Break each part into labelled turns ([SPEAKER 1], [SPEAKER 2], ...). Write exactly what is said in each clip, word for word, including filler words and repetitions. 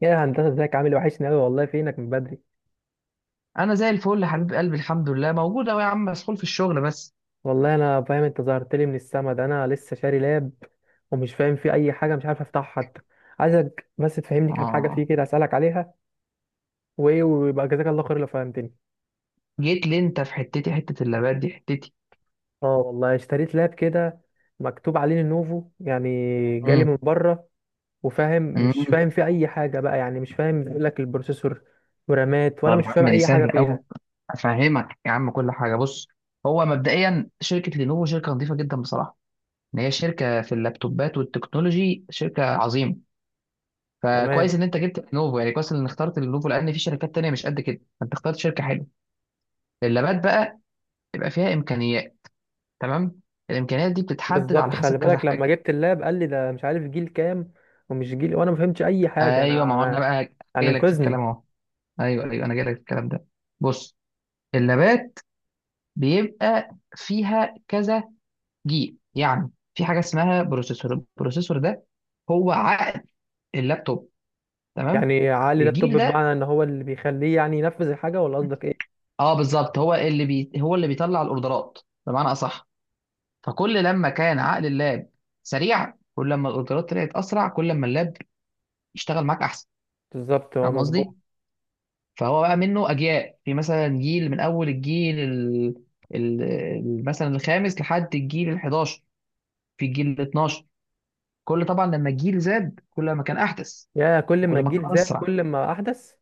[SPEAKER 1] يا هندسة، ازيك؟ عامل إيه؟ وحشني أوي والله. فينك من بدري؟
[SPEAKER 2] انا زي الفل يا حبيب قلبي، الحمد لله موجود اهو. يا عم مسحول في الشغل بس.
[SPEAKER 1] والله أنا فاهم، أنت ظهرت لي من السما. ده أنا لسه شاري لاب ومش فاهم فيه أي حاجة، مش عارف أفتحها حتى. عايزك بس تفهمني كام حاجة فيه
[SPEAKER 2] اه
[SPEAKER 1] كده أسألك عليها وإيه، ويبقى جزاك الله خير لو فهمتني.
[SPEAKER 2] جيت لي انت في حتتي. حته اللابات دي حتتي
[SPEAKER 1] أه والله اشتريت لاب كده، مكتوب عليه لينوفو يعني، جالي من
[SPEAKER 2] امم
[SPEAKER 1] بره، وفاهم مش
[SPEAKER 2] امم
[SPEAKER 1] فاهم فيه أي حاجة بقى، يعني مش فاهم، بيقول لك البروسيسور ورامات، وأنا
[SPEAKER 2] طب يا
[SPEAKER 1] مش فاهم
[SPEAKER 2] عم دي
[SPEAKER 1] أي حاجة
[SPEAKER 2] سهله قوي،
[SPEAKER 1] فيها.
[SPEAKER 2] افهمك يا عم كل حاجه. بص، هو مبدئيا شركه لينوفو شركه نظيفه جدا بصراحه. ان هي شركه في اللابتوبات والتكنولوجي شركه عظيمه.
[SPEAKER 1] تمام.
[SPEAKER 2] فكويس ان انت جبت لينوفو، يعني كويس ان اخترت لينوفو لان في شركات تانية مش قد كده، فانت اخترت شركه حلوه. اللابات بقى يبقى فيها امكانيات، تمام. الامكانيات دي بتتحدد على
[SPEAKER 1] بالظبط،
[SPEAKER 2] حسب
[SPEAKER 1] خلي
[SPEAKER 2] كذا
[SPEAKER 1] بالك لما
[SPEAKER 2] حاجه.
[SPEAKER 1] جبت اللاب قال لي ده مش عارف جيل كام ومش جيل، وانا ما فهمتش اي حاجه
[SPEAKER 2] ايوه، ما هو انا
[SPEAKER 1] انا،
[SPEAKER 2] بقى
[SPEAKER 1] يعني
[SPEAKER 2] جاي لك في الكلام
[SPEAKER 1] انقذني.
[SPEAKER 2] اهو. ايوه ايوه، انا جاي لك في الكلام ده. بص، اللابات بيبقى فيها كذا جيل. يعني في حاجه اسمها بروسيسور. البروسيسور ده هو عقل اللابتوب، تمام.
[SPEAKER 1] يعني عقلي
[SPEAKER 2] الجيل
[SPEAKER 1] لابتوب،
[SPEAKER 2] ده،
[SPEAKER 1] بمعنى ان هو اللي بيخليه يعني ينفذ الحاجه، ولا قصدك ايه؟
[SPEAKER 2] اه بالظبط، هو اللي بي... هو اللي بيطلع الاوردرات بمعنى اصح. فكل لما كان عقل اللاب سريع، كل لما الاوردرات طلعت اسرع، كل لما اللاب يشتغل معاك احسن.
[SPEAKER 1] بالظبط، هو
[SPEAKER 2] فاهم
[SPEAKER 1] مظبوط.
[SPEAKER 2] قصدي؟ فهو بقى منه اجيال. في مثلا جيل، من اول الجيل ال... ال... ال- مثلا الخامس لحد الجيل ال إحداشر في الجيل ال اثنا عشر. كل طبعا لما الجيل زاد كل ما كان احدث،
[SPEAKER 1] يا كل ما
[SPEAKER 2] كل ما
[SPEAKER 1] الجيل
[SPEAKER 2] كان
[SPEAKER 1] زاد
[SPEAKER 2] اسرع.
[SPEAKER 1] كل ما احدث؟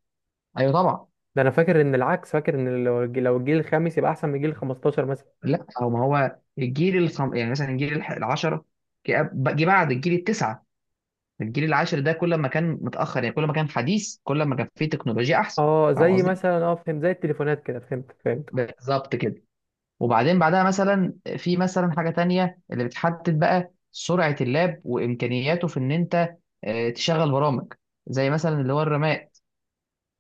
[SPEAKER 2] ايوه طبعا.
[SPEAKER 1] ده انا فاكر ان العكس، فاكر ان لو الج- لو الجيل الخامس يبقى احسن من الجيل خمستاشر مثلا.
[SPEAKER 2] لا، او ما هو الجيل الخم... يعني مثلا الجيل الح- العشرة، جه جه بعد الجيل التسعة. الجيل العاشر ده كل ما كان متاخر يعني، كل ما كان حديث، كل ما كان فيه تكنولوجيا احسن.
[SPEAKER 1] اه،
[SPEAKER 2] فاهم
[SPEAKER 1] زي
[SPEAKER 2] قصدي؟
[SPEAKER 1] مثلا، اه فهمت، زي التليفونات كده، فهمت فهمت.
[SPEAKER 2] بالظبط كده. وبعدين بعدها مثلا في مثلا حاجة تانية اللي بتحدد بقى سرعة اللاب وإمكانياته في إن أنت آه، تشغل برامج، زي مثلا اللي هو الرامات.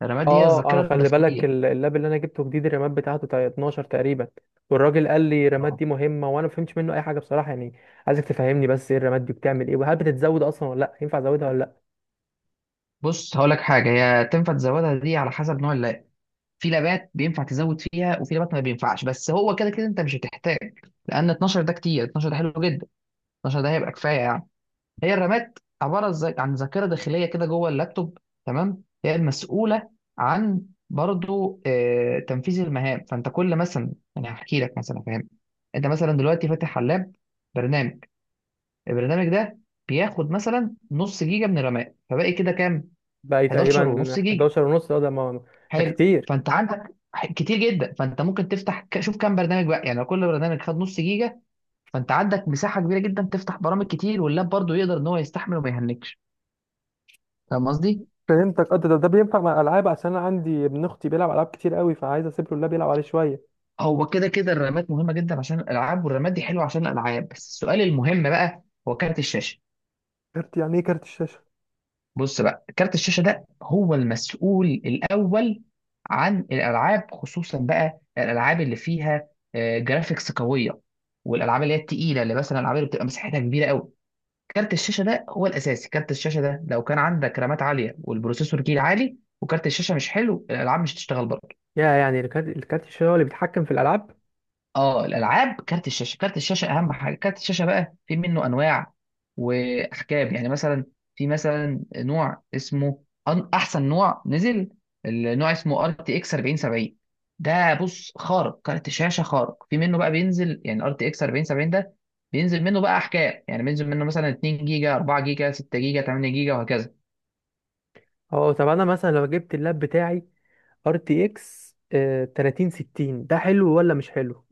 [SPEAKER 2] الرامات دي هي
[SPEAKER 1] اه انا،
[SPEAKER 2] الذاكرة
[SPEAKER 1] خلي بالك
[SPEAKER 2] الداخلية.
[SPEAKER 1] ال- اللاب اللي انا جبته جديد الرامات بتاعته تا- اتناشر تقريبا، والراجل قال لي الرامات
[SPEAKER 2] اه،
[SPEAKER 1] دي مهمه وانا ما فهمتش منه اي حاجه بصراحه يعني. عايزك تفهمني بس ايه الرامات دي بتعمل ايه؟ وهل بتتزود اصلا ولا لا؟ ينفع ازودها ولا لا؟
[SPEAKER 2] بص هقول لك حاجة، هي تنفع تزودها دي على حسب نوع اللاب. في لابات بينفع تزود فيها، وفي لابات ما بينفعش. بس هو كده كده أنت مش هتحتاج، لأن اتناشر ده كتير، اتناشر ده حلو جدا، اتناشر ده هيبقى كفاية يعني. هي الرامات عباره ز- عن ذاكره داخليه كده جوه اللابتوب، تمام. هي المسؤوله عن برضو آه، تنفيذ المهام. فانت كل مثلا انا هحكي لك مثلا، فاهم، انت مثلا دلوقتي فاتح علاب برنامج. البرنامج ده بياخد مثلا نص جيجا من الرامات، فباقي كده كام؟
[SPEAKER 1] بقى
[SPEAKER 2] إحداشر
[SPEAKER 1] تقريبا
[SPEAKER 2] ونص جيجا،
[SPEAKER 1] حداشر ونص. اه ده ما- ده
[SPEAKER 2] حلو.
[SPEAKER 1] كتير.
[SPEAKER 2] فانت عندك ح- كتير جدا. فانت ممكن تفتح ك- شوف كام برنامج بقى يعني. لو كل برنامج خد نص جيجا، فانت عندك مساحه كبيره جدا تفتح برامج كتير، واللاب برضو يقدر ان هو يستحمل وما يهنكش. فاهم قصدي؟
[SPEAKER 1] فهمتك. اه، ده, ده ده بينفع مع الالعاب، عشان انا عندي ابن اختي بيلعب العاب كتير قوي، فعايز اسيب له اللاب يلعب عليه شويه.
[SPEAKER 2] هو كده كده الرامات مهمه جدا عشان الالعاب، والرامات دي حلوه عشان الالعاب. بس السؤال المهم بقى هو كارت الشاشه.
[SPEAKER 1] كارت؟ يعني ايه كارت الشاشه؟
[SPEAKER 2] بص بقى، كارت الشاشه ده هو المسؤول الاول عن الالعاب، خصوصا بقى الالعاب اللي فيها آه، جرافيكس قويه، والالعاب اللي هي التقيله، اللي مثلا الالعاب اللي بتبقى مساحتها كبيره قوي. كارت الشاشه ده هو الاساسي. كارت الشاشه ده لو كان عندك رامات عاليه، والبروسيسور جيل عالي، وكارت الشاشه مش حلو، الالعاب مش هتشتغل برضه.
[SPEAKER 1] يا يعني الكارت الكارت الشاشه هو اللي بيتحكم في الالعاب؟
[SPEAKER 2] اه الالعاب كارت الشاشه، كارت الشاشه اهم حاجه. كارت الشاشه بقى في منه انواع واحجام يعني. مثلا في مثلا نوع اسمه أن- احسن نوع نزل، النوع اسمه ار تي اكس أربعين سبعين. ده بص خارق، كارت شاشه خارق. في منه بقى بينزل يعني، ار تي اكس أربعين سبعين ده بينزل منه بقى احجام، يعني بينزل منه مثلا اتنين جيجا، أربعة جيجا، ستة جيجا، تمانية جيجا، وهكذا.
[SPEAKER 1] اه، طب انا مثلا لو جبت اللاب بتاعي ار تي اكس تلاتين ستين، ده حلو ولا مش حلو؟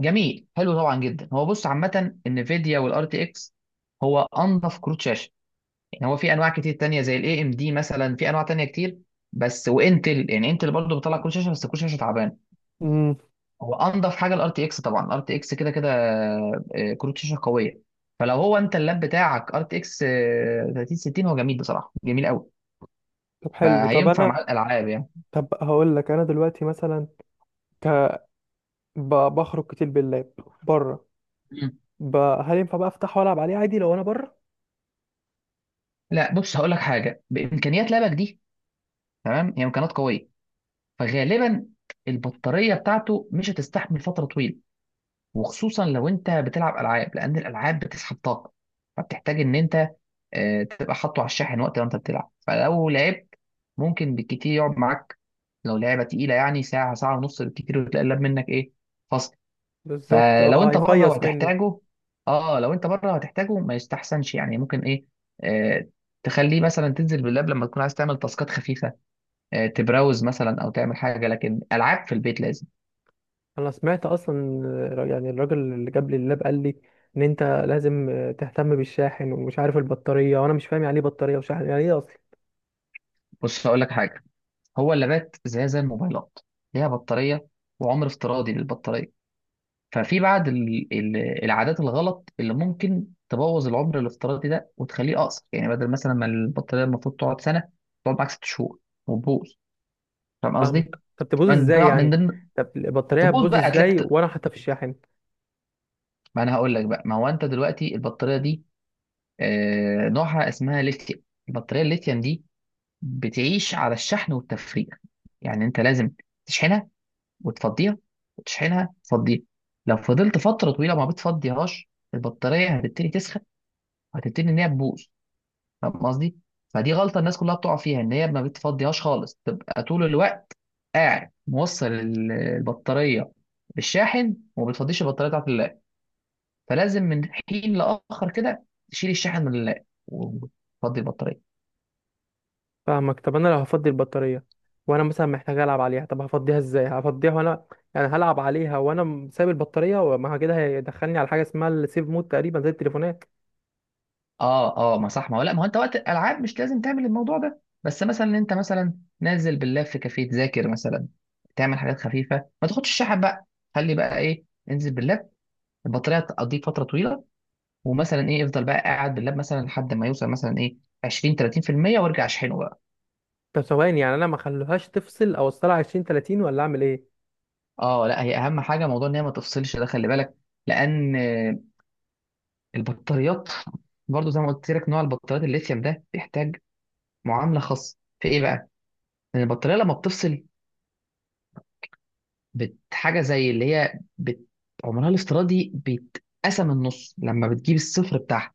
[SPEAKER 2] جميل حلو طبعا جدا. هو بص، عامه النفيديا والار تي اكس هو انظف كروت شاشه يعني. هو في انواع كتير تانية زي الاي ام دي مثلا، في انواع تانية كتير، بس وانتل يعني، انتل برضه بتطلع كروت شاشه، بس كروت شاشه تعبان.
[SPEAKER 1] امم
[SPEAKER 2] هو انضف حاجه الار تي اكس طبعا، الار تي اكس كده كده آه، كروت شاشه قويه. فلو هو انت اللاب بتاعك ار تي اكس ثلاثين ستين، هو جميل بصراحه، جميل قوي،
[SPEAKER 1] طب حلو. طب
[SPEAKER 2] فهينفع مع
[SPEAKER 1] انا
[SPEAKER 2] الالعاب يعني.
[SPEAKER 1] طب هقول لك انا دلوقتي مثلا، ك... ب... بخرج كتير باللاب بره،
[SPEAKER 2] مم.
[SPEAKER 1] ب... هل ينفع بقى افتحه والعب عليه عادي لو انا بره؟
[SPEAKER 2] لا بص هقول لك حاجه، بامكانيات لابك دي، تمام، هي امكانيات قويه، فغالبا البطاريه بتاعته مش هتستحمل فتره طويله، وخصوصا لو انت بتلعب العاب، لان الالعاب بتسحب طاقه. فبتحتاج ان انت آه، تبقى حاطه على الشاحن وقت ما انت بتلعب. فلو لعبت، ممكن بالكتير يقعد معاك، لو لعبه تقيله يعني، ساعه ساعه ونص بالكتير، وتلاقي اللاب منك ايه؟ فصل.
[SPEAKER 1] بالظبط،
[SPEAKER 2] فلو
[SPEAKER 1] اه
[SPEAKER 2] انت بره
[SPEAKER 1] هيفيص مني.
[SPEAKER 2] وهتحتاجه، اه لو انت بره وهتحتاجه ما يستحسنش يعني. ممكن ايه، آه تخليه مثلا تنزل باللاب لما تكون عايز تعمل تاسكات خفيفه، آه تبراوز مثلا او تعمل حاجه، لكن العاب في البيت لازم.
[SPEAKER 1] انا سمعت اصلا، آه، يعني الراجل اللي جاب لي اللاب قال لي ان انت لازم آه، تهتم بالشاحن ومش عارف البطاريه، وانا مش فاهم يعني ايه بطاريه وشاحن، يعني ايه اصلا؟
[SPEAKER 2] بص هقول لك حاجه، هو اللابات زي زي الموبايلات، ليها بطارية وعمر افتراضي للبطارية. ففي بعض ال- ال- العادات الغلط اللي ممكن تبوظ العمر الافتراضي ده وتخليه أقصر، يعني بدل مثلا ما البطارية المفروض تقعد سنة، تقعد معاك ست شهور وتبوظ. فاهم قصدي؟
[SPEAKER 1] فاهمك. طب تبوظ
[SPEAKER 2] من
[SPEAKER 1] ازاي
[SPEAKER 2] ضمن من
[SPEAKER 1] يعني؟
[SPEAKER 2] ضمن
[SPEAKER 1] طب البطاريه
[SPEAKER 2] تبوظ
[SPEAKER 1] هتبوظ
[SPEAKER 2] بقى، هتلاقي
[SPEAKER 1] ازاي
[SPEAKER 2] بت-
[SPEAKER 1] وانا حاططها في الشاحن؟
[SPEAKER 2] ما أنا هقول لك بقى. ما هو أنت دلوقتي البطارية دي آه، نوعها اسمها ليثيوم. البطارية الليثيوم دي بتعيش على الشحن والتفريغ، يعني أنت لازم تشحنها وتفضيها، وتشحنها تفضيها. لو فضلت فترة طويلة ما بتفضيهاش، البطارية هتبتدي تسخن وهتبتدي إن هي تبوظ. فاهم قصدي؟ فدي غلطة الناس كلها بتقع فيها، إن هي ما بتفضيهاش خالص، تبقى طول الوقت قاعد موصل ال- البطارية بالشاحن وما بتفضيش البطارية بتاعت اللاب. فلازم من حين لآخر كده تشيل الشاحن من اللاب وتفضي البطارية.
[SPEAKER 1] فاهمك. طب انا لو هفضي البطاريه وانا مثلا محتاج العب عليها، طب هفضيها ازاي؟ هفضيها وانا يعني هلعب عليها وانا م- سايب البطاريه؟ وما هو كده هيدخلني على حاجه اسمها السيف مود تقريبا، زي التليفونات.
[SPEAKER 2] اه اه، ما صح، ما هو لا، ما هو انت وقت الالعاب مش لازم تعمل الموضوع ده. بس مثلا انت مثلا نازل باللاب في كافيه تذاكر مثلا، تعمل حاجات خفيفه، ما تاخدش الشحن بقى، خلي بقى ايه، انزل باللاب، البطاريه تقضيك فتره طويله. ومثلا ايه افضل بقى، قاعد باللاب مثلا لحد ما يوصل مثلا ايه عشرين تلاتين بالمية، وارجع اشحنه بقى.
[SPEAKER 1] طب ثواني، يعني انا ما اخليهاش تفصل او اوصلها عشرين تلاتين، ولا اعمل ايه؟
[SPEAKER 2] اه لا هي اهم حاجه موضوع ان هي ما تفصلش ده، خلي بالك، لان آه، البطاريات برضو زي ما قلت لك نوع البطاريات الليثيوم ده بيحتاج معامله خاصه في ايه بقى؟ ان البطاريه لما بتفصل، بت حاجة زي اللي هي بت عمرها الافتراضي بيتقسم النص لما بتجيب الصفر بتاعها.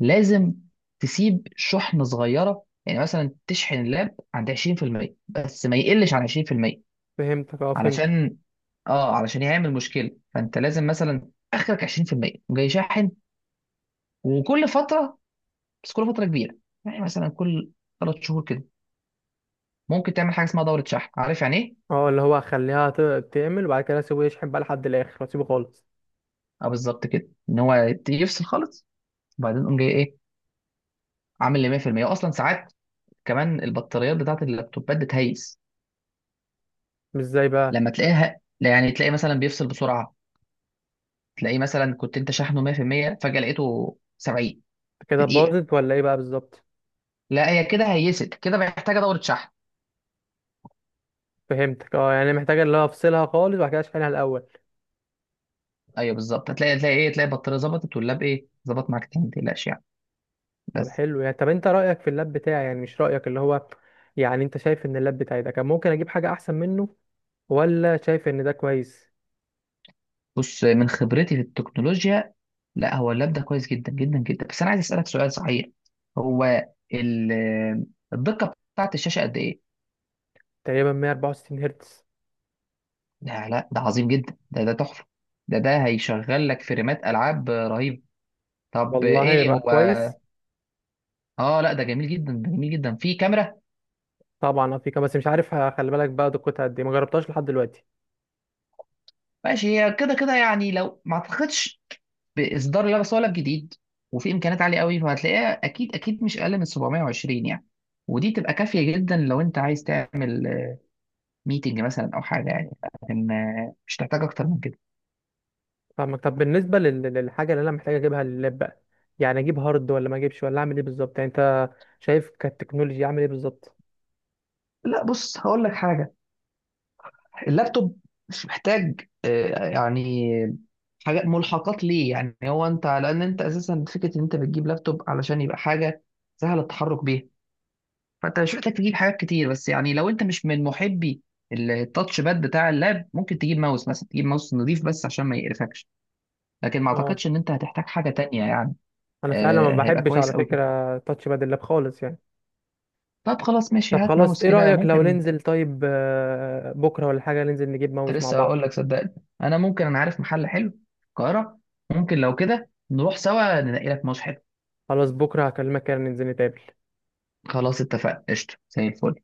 [SPEAKER 2] لازم تسيب شحنة صغيرة، يعني مثلا تشحن اللاب عند عشرين بالمية، بس ما يقلش عن عشرين بالمية،
[SPEAKER 1] فهمتك، اه فهمتك.
[SPEAKER 2] علشان اه علشان يعمل مشكلة. فانت لازم مثلا اخرك عشرين بالمية جاي شاحن، وكل فترة، بس كل فترة كبيرة، يعني مثلا كل ثلاث شهور كده، ممكن تعمل حاجة اسمها دورة شحن. عارف يعني ايه؟
[SPEAKER 1] اه اللي هو اخليها ت- تعمل، وبعد كده اسيبه يشحن بقى لحد الاخر واسيبه خالص.
[SPEAKER 2] اه بالظبط كده، ان هو يفصل خالص، وبعدين قوم جاي ايه عامل لي مية بالمية. اصلا ساعات كمان البطاريات بتاعت اللابتوبات بتهيس
[SPEAKER 1] مش ازاي بقى؟
[SPEAKER 2] لما تلاقيها، لا يعني تلاقي مثلا بيفصل بسرعه، تلاقيه مثلا كنت انت شحنه مية بالمية فجاه لقيته سبعين
[SPEAKER 1] كده
[SPEAKER 2] في دقيقه.
[SPEAKER 1] باظت ولا ايه بقى بالظبط؟
[SPEAKER 2] لا هي كده هيست كده، محتاجه دوره شحن.
[SPEAKER 1] فهمتك، اه، يعني محتاجه اللي هو افصلها خالص وبعد كده اشحنها الاول.
[SPEAKER 2] ايوه بالظبط، هتلاقي تلاقي ايه، تلاقي البطاريه ظبطت واللاب ايه ظبط معاك تاني، ما تقلقش يعني.
[SPEAKER 1] طب
[SPEAKER 2] بس
[SPEAKER 1] حلو. يعني طب انت رأيك في اللاب بتاعي، يعني مش رأيك اللي هو، يعني انت شايف ان اللاب بتاعي ده كان ممكن اجيب حاجة احسن منه، ولا شايف ان ده كويس؟
[SPEAKER 2] بص، من خبرتي في التكنولوجيا، لا هو اللاب ده كويس جدا جدا جدا. بس انا عايز اسالك سؤال صحيح، هو ال- الدقه بتاعت الشاشه قد ايه؟
[SPEAKER 1] تقريبا مية واربعة وستين هرتز.
[SPEAKER 2] لا لا، ده عظيم جدا، ده ده تحفة، ده ده هيشغل لك فريمات ألعاب رهيبة. طب
[SPEAKER 1] والله
[SPEAKER 2] ايه
[SPEAKER 1] يبقى
[SPEAKER 2] هو؟
[SPEAKER 1] كويس.
[SPEAKER 2] اه لا، ده جميل جدا، ده جميل جدا. في كاميرا،
[SPEAKER 1] طبعا افيكا، بس مش عارف ه- خلي بالك بقى دقتها قد ايه، ما جربتهاش لحد دلوقتي.
[SPEAKER 2] ماشي. هي كده كده يعني، لو ما اعتقدش باصدار لا بس ولا جديد، وفي امكانيات عاليه قوي، فهتلاقيها اكيد اكيد مش اقل من سبعمئة وعشرين يعني. ودي تبقى كافيه جدا لو انت عايز تعمل ميتنج مثلا او حاجه يعني، لكن آه، مش تحتاج اكتر من كده.
[SPEAKER 1] فاهمك. طب بالنسبة لل- للحاجة اللي انا محتاج اجيبها لللاب بقى، يعني اجيب هارد ولا ما اجيبش؟ ولا اعمل ايه بالظبط؟ يعني انت شايف كالتكنولوجيا اعمل ايه بالظبط؟
[SPEAKER 2] لا بص هقول لك حاجه، اللابتوب مش محتاج آه، يعني حاجات ملحقات ليه يعني. هو انت لان انت اساسا فكره ان انت بتجيب لابتوب علشان يبقى حاجه سهله التحرك بيها. فانت مش محتاج تجيب حاجات كتير. بس يعني لو انت مش من محبي التاتش باد بتاع اللاب، ممكن تجيب ماوس مثلا، تجيب ماوس نظيف بس عشان ما يقرفكش، لكن ما
[SPEAKER 1] اه.
[SPEAKER 2] اعتقدش ان انت هتحتاج حاجه تانية يعني.
[SPEAKER 1] انا فعلا ما
[SPEAKER 2] آه، هيبقى
[SPEAKER 1] بحبش
[SPEAKER 2] كويس
[SPEAKER 1] على
[SPEAKER 2] قوي كده.
[SPEAKER 1] فكرة تاتش باد اللاب خالص يعني.
[SPEAKER 2] طب خلاص ماشي،
[SPEAKER 1] طب
[SPEAKER 2] هات
[SPEAKER 1] خلاص،
[SPEAKER 2] ماوس
[SPEAKER 1] ايه
[SPEAKER 2] كده
[SPEAKER 1] رأيك لو
[SPEAKER 2] ممكن.
[SPEAKER 1] ننزل طيب آه، بكرة ولا حاجة، ننزل نجيب
[SPEAKER 2] كنت
[SPEAKER 1] ماوس مع
[SPEAKER 2] لسه
[SPEAKER 1] بعض؟
[SPEAKER 2] اقول لك صدقني، انا ممكن انا عارف محل حلو في القاهره. ممكن لو كده نروح سوا ننقي لك ماوس حلو.
[SPEAKER 1] خلاص، بكرة هكلمك كده ننزل نتقابل.
[SPEAKER 2] خلاص اتفقنا، قشطه زي الفل.